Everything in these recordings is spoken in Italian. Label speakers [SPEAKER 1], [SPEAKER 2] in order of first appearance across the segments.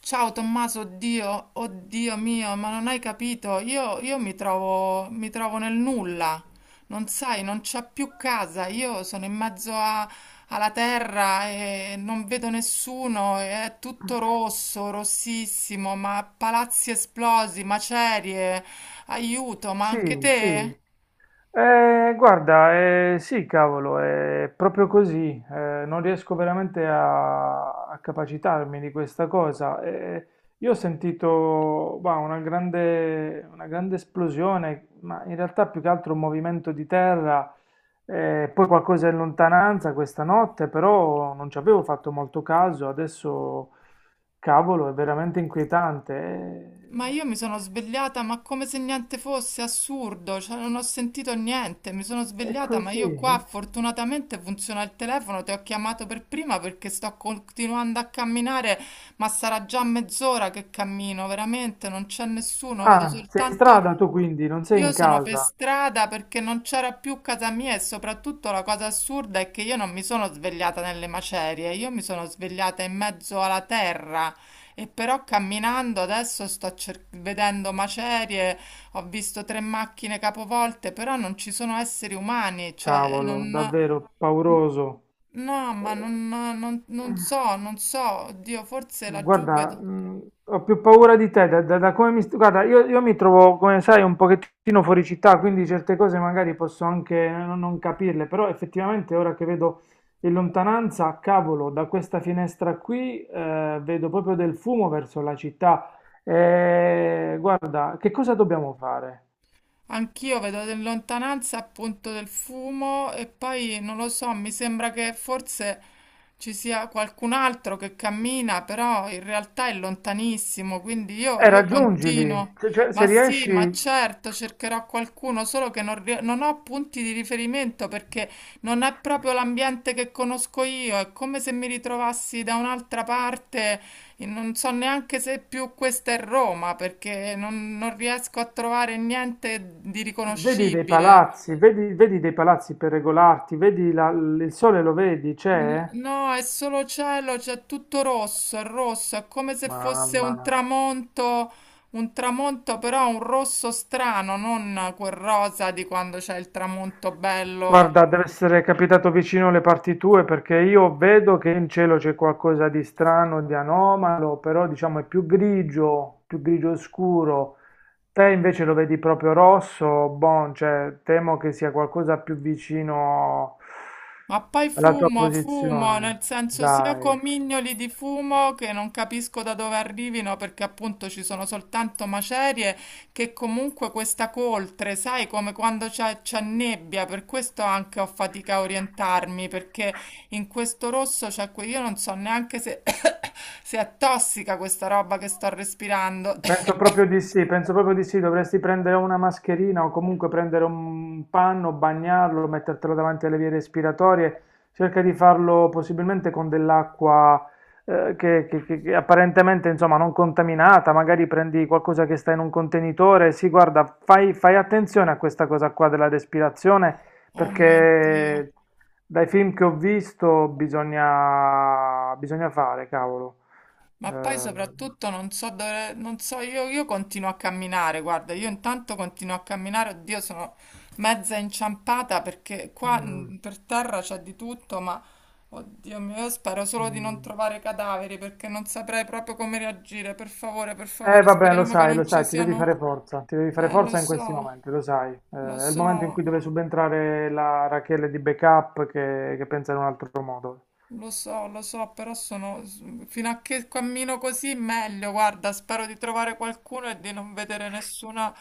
[SPEAKER 1] Ciao Tommaso, oddio, oddio mio, ma non hai capito? Io mi trovo nel nulla, non sai, non c'ho più casa, io sono in mezzo alla terra e non vedo nessuno, e è tutto rosso, rossissimo, ma palazzi esplosi, macerie, aiuto, ma anche
[SPEAKER 2] Sì, sì.
[SPEAKER 1] te?
[SPEAKER 2] Guarda, sì, cavolo, è proprio così. Non riesco veramente a capacitarmi di questa cosa. Io ho sentito, bah, una grande esplosione, ma in realtà più che altro un movimento di terra, poi qualcosa in lontananza questa notte, però non ci avevo fatto molto caso. Adesso, cavolo, è veramente inquietante.
[SPEAKER 1] Ma io mi sono svegliata, ma come se niente fosse, assurdo, cioè non ho sentito niente, mi sono
[SPEAKER 2] È
[SPEAKER 1] svegliata, ma io
[SPEAKER 2] così.
[SPEAKER 1] qua fortunatamente funziona il telefono, ti ho chiamato per prima perché sto continuando a camminare, ma sarà già mezz'ora che cammino, veramente, non c'è nessuno, vedo
[SPEAKER 2] Ah, sei in
[SPEAKER 1] soltanto
[SPEAKER 2] strada tu quindi, non sei
[SPEAKER 1] io
[SPEAKER 2] in
[SPEAKER 1] sono per
[SPEAKER 2] casa.
[SPEAKER 1] strada perché non c'era più casa mia e soprattutto la cosa assurda è che io non mi sono svegliata nelle macerie, io mi sono svegliata in mezzo alla terra e però camminando adesso sto vedendo macerie, ho visto tre macchine capovolte, però non ci sono esseri umani, cioè
[SPEAKER 2] Cavolo,
[SPEAKER 1] non...
[SPEAKER 2] davvero pauroso.
[SPEAKER 1] No, ma
[SPEAKER 2] Eh,
[SPEAKER 1] non, non- non so, non so, oddio, forse laggiù
[SPEAKER 2] Guarda,
[SPEAKER 1] vedo...
[SPEAKER 2] ho più paura di te, da come Guarda, io mi trovo, come sai, un pochettino fuori città, quindi certe cose magari posso anche non capirle, però effettivamente ora che vedo in lontananza, cavolo, da questa finestra qui, vedo proprio del fumo verso la città. Guarda, che cosa dobbiamo fare?
[SPEAKER 1] Anch'io vedo in lontananza appunto del fumo e poi non lo so, mi sembra che forse ci sia qualcun altro che cammina, però in realtà è lontanissimo, quindi io, io
[SPEAKER 2] Raggiungili,
[SPEAKER 1] continuo.
[SPEAKER 2] se, cioè,
[SPEAKER 1] Ma
[SPEAKER 2] se
[SPEAKER 1] sì, ma
[SPEAKER 2] riesci,
[SPEAKER 1] certo, cercherò qualcuno, solo che non ho punti di riferimento perché non è proprio l'ambiente che conosco io, è come se mi ritrovassi da un'altra parte e non so neanche se più questa è Roma, perché non, non riesco a trovare niente di
[SPEAKER 2] vedi dei
[SPEAKER 1] riconoscibile.
[SPEAKER 2] palazzi, vedi dei palazzi per regolarti, vedi il sole lo vedi, c'è?
[SPEAKER 1] No, è solo cielo, c'è tutto rosso, è come se fosse
[SPEAKER 2] Mamma.
[SPEAKER 1] un tramonto però un rosso strano, non quel rosa di quando c'è il tramonto bello.
[SPEAKER 2] Guarda, dev'essere capitato vicino le parti tue perché io vedo che in cielo c'è qualcosa di strano, di anomalo, però diciamo è più grigio scuro. Te invece lo vedi proprio rosso, bon, cioè temo che sia qualcosa più vicino
[SPEAKER 1] Ma poi
[SPEAKER 2] alla tua
[SPEAKER 1] fumo, fumo, nel
[SPEAKER 2] posizione.
[SPEAKER 1] senso sia
[SPEAKER 2] Dai.
[SPEAKER 1] comignoli di fumo che non capisco da dove arrivino perché appunto ci sono soltanto macerie, che comunque questa coltre, sai, come quando c'è nebbia, per questo anche ho fatica a orientarmi perché in questo rosso io non so neanche se, se è tossica questa roba che sto respirando.
[SPEAKER 2] Penso proprio di sì, penso proprio di sì, dovresti prendere una mascherina o comunque prendere un panno, bagnarlo, mettertelo davanti alle vie respiratorie, cerca di farlo possibilmente con dell'acqua che, che apparentemente insomma non contaminata, magari prendi qualcosa che sta in un contenitore, sì, guarda, fai attenzione a questa cosa qua della respirazione
[SPEAKER 1] Oh mio Dio.
[SPEAKER 2] perché dai film che ho visto bisogna fare, cavolo.
[SPEAKER 1] Ma poi
[SPEAKER 2] Eh,
[SPEAKER 1] soprattutto non so dove, non so, io continuo a camminare, guarda, io intanto continuo a camminare, oddio, sono mezza inciampata perché qua
[SPEAKER 2] mm.
[SPEAKER 1] per terra c'è di tutto, ma oddio mio, io spero solo di non
[SPEAKER 2] Mh.
[SPEAKER 1] trovare cadaveri perché non saprei proprio come reagire, per
[SPEAKER 2] Eh
[SPEAKER 1] favore,
[SPEAKER 2] vabbè,
[SPEAKER 1] speriamo che
[SPEAKER 2] lo
[SPEAKER 1] non ci
[SPEAKER 2] sai, ti devi
[SPEAKER 1] siano...
[SPEAKER 2] fare forza, ti devi fare
[SPEAKER 1] Lo
[SPEAKER 2] forza in questi
[SPEAKER 1] so,
[SPEAKER 2] momenti, lo sai.
[SPEAKER 1] lo
[SPEAKER 2] È il momento in
[SPEAKER 1] so.
[SPEAKER 2] cui deve subentrare la Rachele di backup che pensa in un altro modo.
[SPEAKER 1] Lo so, lo so, però sono fino a che cammino così meglio. Guarda, spero di trovare qualcuno e di non vedere nessuna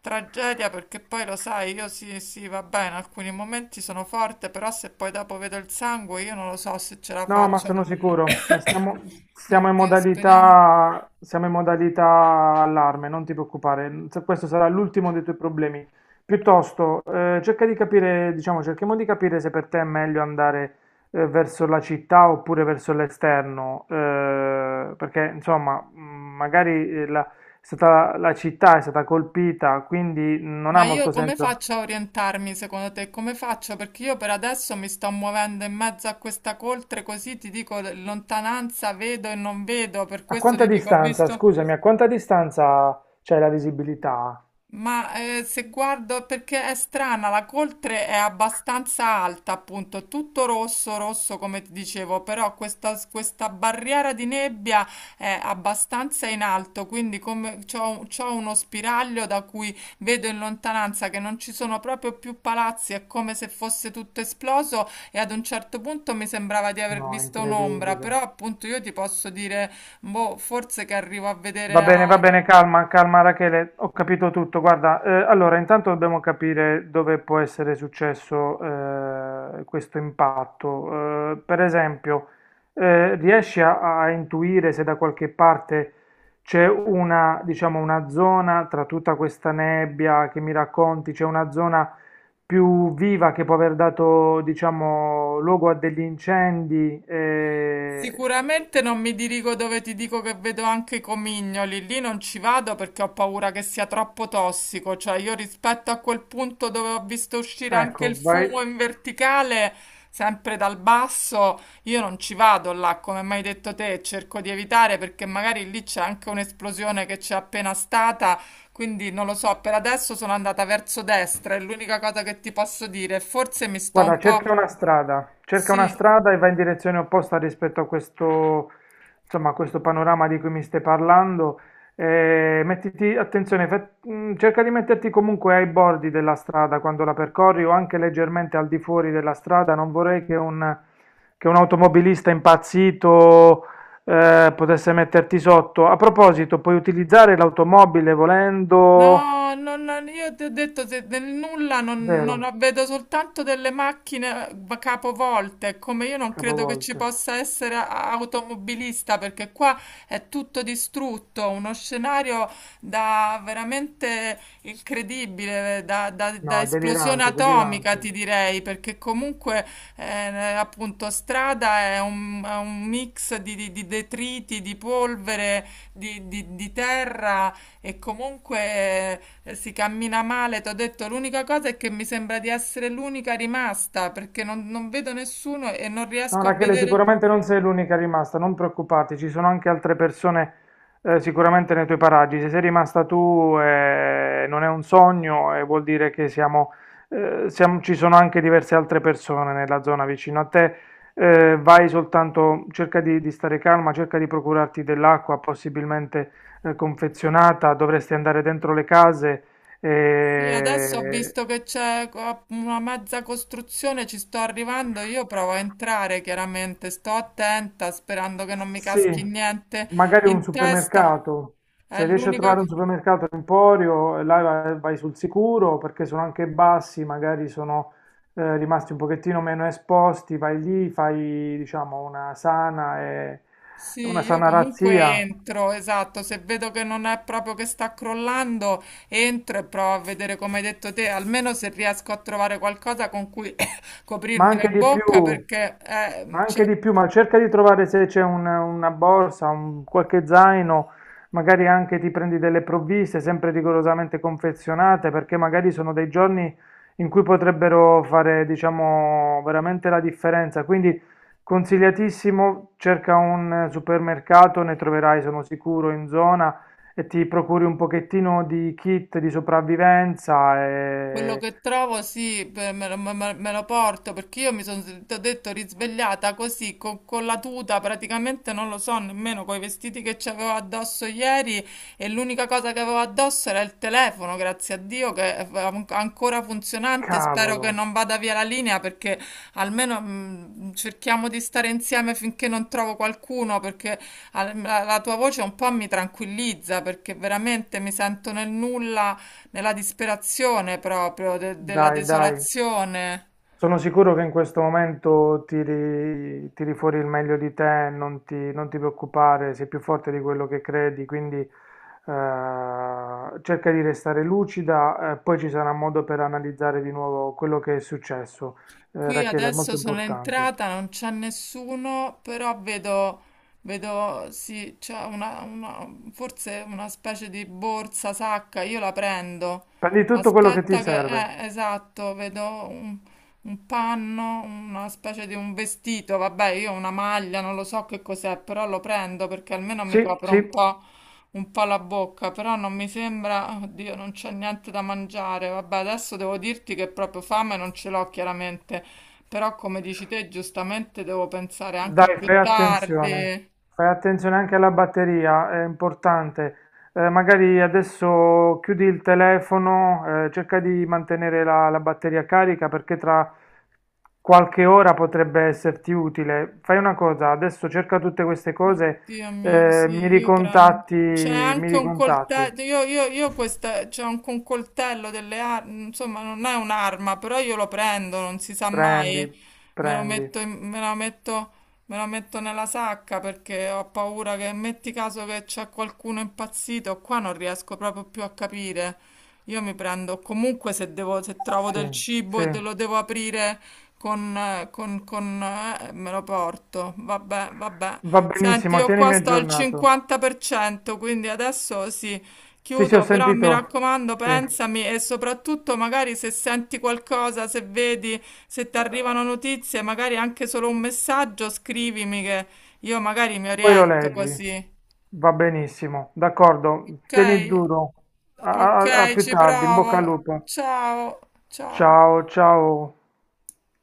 [SPEAKER 1] tragedia, perché poi lo sai, io sì, sì, va bene, in alcuni momenti sono forte, però se poi dopo vedo il sangue, io non lo so se ce la
[SPEAKER 2] No, ma
[SPEAKER 1] faccio.
[SPEAKER 2] sono sicuro.
[SPEAKER 1] Oddio, speriamo.
[SPEAKER 2] Siamo in modalità allarme, non ti preoccupare. Questo sarà l'ultimo dei tuoi problemi. Piuttosto, cerca di capire, diciamo, cerchiamo di capire se per te è meglio andare, verso la città oppure verso l'esterno, perché insomma, magari la città è stata colpita, quindi non
[SPEAKER 1] Ma
[SPEAKER 2] ha
[SPEAKER 1] io
[SPEAKER 2] molto
[SPEAKER 1] come
[SPEAKER 2] senso.
[SPEAKER 1] faccio a orientarmi secondo te? Come faccio? Perché io per adesso mi sto muovendo in mezzo a questa coltre, così ti dico lontananza, vedo e non vedo, per
[SPEAKER 2] A
[SPEAKER 1] questo ti
[SPEAKER 2] quanta
[SPEAKER 1] dico, ho
[SPEAKER 2] distanza,
[SPEAKER 1] visto.
[SPEAKER 2] scusami, a quanta distanza c'è la visibilità?
[SPEAKER 1] Ma se guardo, perché è strana, la coltre è abbastanza alta, appunto, tutto rosso, rosso come ti dicevo, però questa barriera di nebbia è abbastanza in alto, quindi come c'ho uno spiraglio da cui vedo in lontananza che non ci sono proprio più palazzi, è come se fosse tutto esploso e ad un certo punto mi sembrava di aver
[SPEAKER 2] No, è
[SPEAKER 1] visto un'ombra,
[SPEAKER 2] incredibile.
[SPEAKER 1] però appunto io ti posso dire, boh, forse che arrivo a vedere a...
[SPEAKER 2] Va bene, calma, calma Rachele, ho capito tutto. Guarda, allora intanto dobbiamo capire dove può essere successo questo impatto. Per esempio, riesci a intuire se da qualche parte c'è una, diciamo, una zona tra tutta questa nebbia che mi racconti, c'è una zona più viva che può aver dato, diciamo, luogo a degli incendi?
[SPEAKER 1] Sicuramente non mi dirigo dove ti dico che vedo anche i comignoli, lì non ci vado perché ho paura che sia troppo tossico, cioè io rispetto a quel punto dove ho visto uscire anche
[SPEAKER 2] Ecco,
[SPEAKER 1] il
[SPEAKER 2] vai.
[SPEAKER 1] fumo in verticale, sempre dal basso, io non ci vado là, come mi hai detto te, cerco di evitare perché magari lì c'è anche un'esplosione che c'è appena stata, quindi non lo so, per adesso sono andata verso destra, è l'unica cosa che ti posso dire, forse mi sto
[SPEAKER 2] Guarda,
[SPEAKER 1] un po'...
[SPEAKER 2] cerca una
[SPEAKER 1] Sì,
[SPEAKER 2] strada e va in direzione opposta rispetto a questo, insomma, a questo panorama di cui mi stai parlando. Mettiti, attenzione, cerca di metterti comunque ai bordi della strada quando la percorri o anche leggermente al di fuori della strada. Non vorrei che un automobilista impazzito, potesse metterti sotto. A proposito, puoi utilizzare l'automobile volendo...
[SPEAKER 1] no, io ti ho detto se del nulla non,
[SPEAKER 2] Vero,
[SPEAKER 1] non ho- vedo soltanto delle macchine capovolte, come io non credo che ci
[SPEAKER 2] capovolto.
[SPEAKER 1] possa essere automobilista perché qua è tutto distrutto, uno scenario da veramente incredibile, da
[SPEAKER 2] No,
[SPEAKER 1] esplosione
[SPEAKER 2] delirante,
[SPEAKER 1] atomica ti
[SPEAKER 2] delirante.
[SPEAKER 1] direi, perché comunque appunto strada è è un mix di, di detriti, di polvere, di terra. E comunque si cammina male, ti ho detto, l'unica cosa è che mi sembra di essere l'unica rimasta perché non, non vedo nessuno e non
[SPEAKER 2] No,
[SPEAKER 1] riesco a
[SPEAKER 2] Rachele,
[SPEAKER 1] vedere.
[SPEAKER 2] sicuramente non sei l'unica rimasta, non preoccuparti, ci sono anche altre persone sicuramente nei tuoi paraggi. Se sei rimasta tu non è un sogno e vuol dire che ci sono anche diverse altre persone nella zona vicino a te. Vai soltanto, cerca di stare calma, cerca di procurarti dell'acqua, possibilmente confezionata, dovresti andare dentro le case.
[SPEAKER 1] Sì, adesso ho
[SPEAKER 2] eh,
[SPEAKER 1] visto che una mezza costruzione, ci sto arrivando, io provo a entrare chiaramente, sto attenta sperando che non mi
[SPEAKER 2] Sì,
[SPEAKER 1] caschi niente
[SPEAKER 2] magari un
[SPEAKER 1] in testa.
[SPEAKER 2] supermercato.
[SPEAKER 1] È
[SPEAKER 2] Se riesci a
[SPEAKER 1] l'unica
[SPEAKER 2] trovare un
[SPEAKER 1] cosa.
[SPEAKER 2] supermercato Emporio, là vai sul sicuro perché sono anche bassi, magari sono rimasti un pochettino meno esposti, vai lì, fai diciamo una sana,
[SPEAKER 1] Sì,
[SPEAKER 2] una
[SPEAKER 1] io
[SPEAKER 2] sana
[SPEAKER 1] comunque
[SPEAKER 2] razzia.
[SPEAKER 1] entro, esatto, se vedo che non è proprio che sta crollando, entro e provo a vedere come hai detto te, almeno se riesco a trovare qualcosa con cui
[SPEAKER 2] Ma
[SPEAKER 1] coprirmi la
[SPEAKER 2] anche di
[SPEAKER 1] bocca
[SPEAKER 2] più,
[SPEAKER 1] perché
[SPEAKER 2] ma
[SPEAKER 1] c'è.
[SPEAKER 2] anche di più, ma cerca di trovare se c'è una borsa, un, qualche zaino, magari anche ti prendi delle provviste, sempre rigorosamente confezionate, perché magari sono dei giorni in cui potrebbero fare, diciamo, veramente la differenza. Quindi consigliatissimo, cerca un supermercato, ne troverai, sono sicuro, in zona e ti procuri un pochettino di kit di sopravvivenza
[SPEAKER 1] Quello
[SPEAKER 2] e
[SPEAKER 1] che trovo, sì, beh, me lo porto perché io mi sono, ti ho detto, risvegliata così con, la tuta, praticamente non lo so nemmeno, con i vestiti che c'avevo addosso ieri e l'unica cosa che avevo addosso era il telefono, grazie a Dio, che è ancora funzionante. Spero
[SPEAKER 2] cavolo.
[SPEAKER 1] che non vada via la linea perché almeno cerchiamo di stare insieme finché non trovo qualcuno perché la tua voce un po' mi tranquillizza perché veramente mi sento nel nulla. Nella disperazione proprio, della
[SPEAKER 2] Dai, dai,
[SPEAKER 1] desolazione.
[SPEAKER 2] sono sicuro che in questo momento tiri fuori il meglio di te, non ti preoccupare, sei più forte di quello che credi, quindi cerca di restare lucida, poi ci sarà modo per analizzare di nuovo quello che è successo.
[SPEAKER 1] Qui
[SPEAKER 2] Rachele, è
[SPEAKER 1] adesso
[SPEAKER 2] molto
[SPEAKER 1] sono
[SPEAKER 2] importante.
[SPEAKER 1] entrata, non c'è nessuno, però vedo, vedo, sì, c'è forse una specie di borsa, sacca, io la prendo.
[SPEAKER 2] Prendi tutto quello che ti
[SPEAKER 1] Aspetta che,
[SPEAKER 2] serve.
[SPEAKER 1] esatto, vedo un, un panno, una specie di un vestito, vabbè, io ho una maglia, non lo so che cos'è, però lo prendo perché almeno mi
[SPEAKER 2] Sì,
[SPEAKER 1] copro
[SPEAKER 2] sì.
[SPEAKER 1] un po'. Un po' la bocca, però non mi sembra, oddio, non c'è niente da mangiare. Vabbè, adesso devo dirti che proprio fame non ce l'ho chiaramente, però come dici te, giustamente devo pensare anche a
[SPEAKER 2] Dai,
[SPEAKER 1] più tardi.
[SPEAKER 2] fai attenzione anche alla batteria, è importante. Magari adesso chiudi il telefono, cerca di mantenere la batteria carica perché tra qualche ora potrebbe esserti utile. Fai una cosa, adesso cerca tutte queste cose,
[SPEAKER 1] Oddio mio, sì, io prendo. C'è
[SPEAKER 2] mi
[SPEAKER 1] anche un
[SPEAKER 2] ricontatti.
[SPEAKER 1] coltello, io questa, c'è anche un coltello delle armi, insomma non è un'arma, però io lo prendo, non si sa
[SPEAKER 2] Prendi,
[SPEAKER 1] mai, me lo
[SPEAKER 2] prendi.
[SPEAKER 1] metto, in- me la metto, me la metto nella sacca perché ho paura che metti caso che c'è qualcuno impazzito, qua non riesco proprio più a capire. Io mi prendo comunque se devo, se trovo
[SPEAKER 2] Sì,
[SPEAKER 1] del cibo e
[SPEAKER 2] sì,
[SPEAKER 1] lo devo aprire con, me lo porto. Vabbè, vabbè.
[SPEAKER 2] va
[SPEAKER 1] Senti,
[SPEAKER 2] benissimo,
[SPEAKER 1] io qua
[SPEAKER 2] tienimi
[SPEAKER 1] sto al
[SPEAKER 2] aggiornato.
[SPEAKER 1] 50%, quindi adesso sì,
[SPEAKER 2] Sì, sì, ho
[SPEAKER 1] chiudo, però mi
[SPEAKER 2] sentito.
[SPEAKER 1] raccomando,
[SPEAKER 2] Sì.
[SPEAKER 1] pensami e soprattutto magari se senti qualcosa, se vedi, se ti arrivano notizie, magari anche solo un messaggio, scrivimi che io magari mi
[SPEAKER 2] Poi lo
[SPEAKER 1] oriento
[SPEAKER 2] leggi.
[SPEAKER 1] così.
[SPEAKER 2] Va benissimo, d'accordo.
[SPEAKER 1] Ok,
[SPEAKER 2] Tieni duro.
[SPEAKER 1] ok,
[SPEAKER 2] A più
[SPEAKER 1] ci
[SPEAKER 2] tardi, in
[SPEAKER 1] provo.
[SPEAKER 2] bocca al lupo.
[SPEAKER 1] Ciao, ciao.
[SPEAKER 2] Ciao, ciao.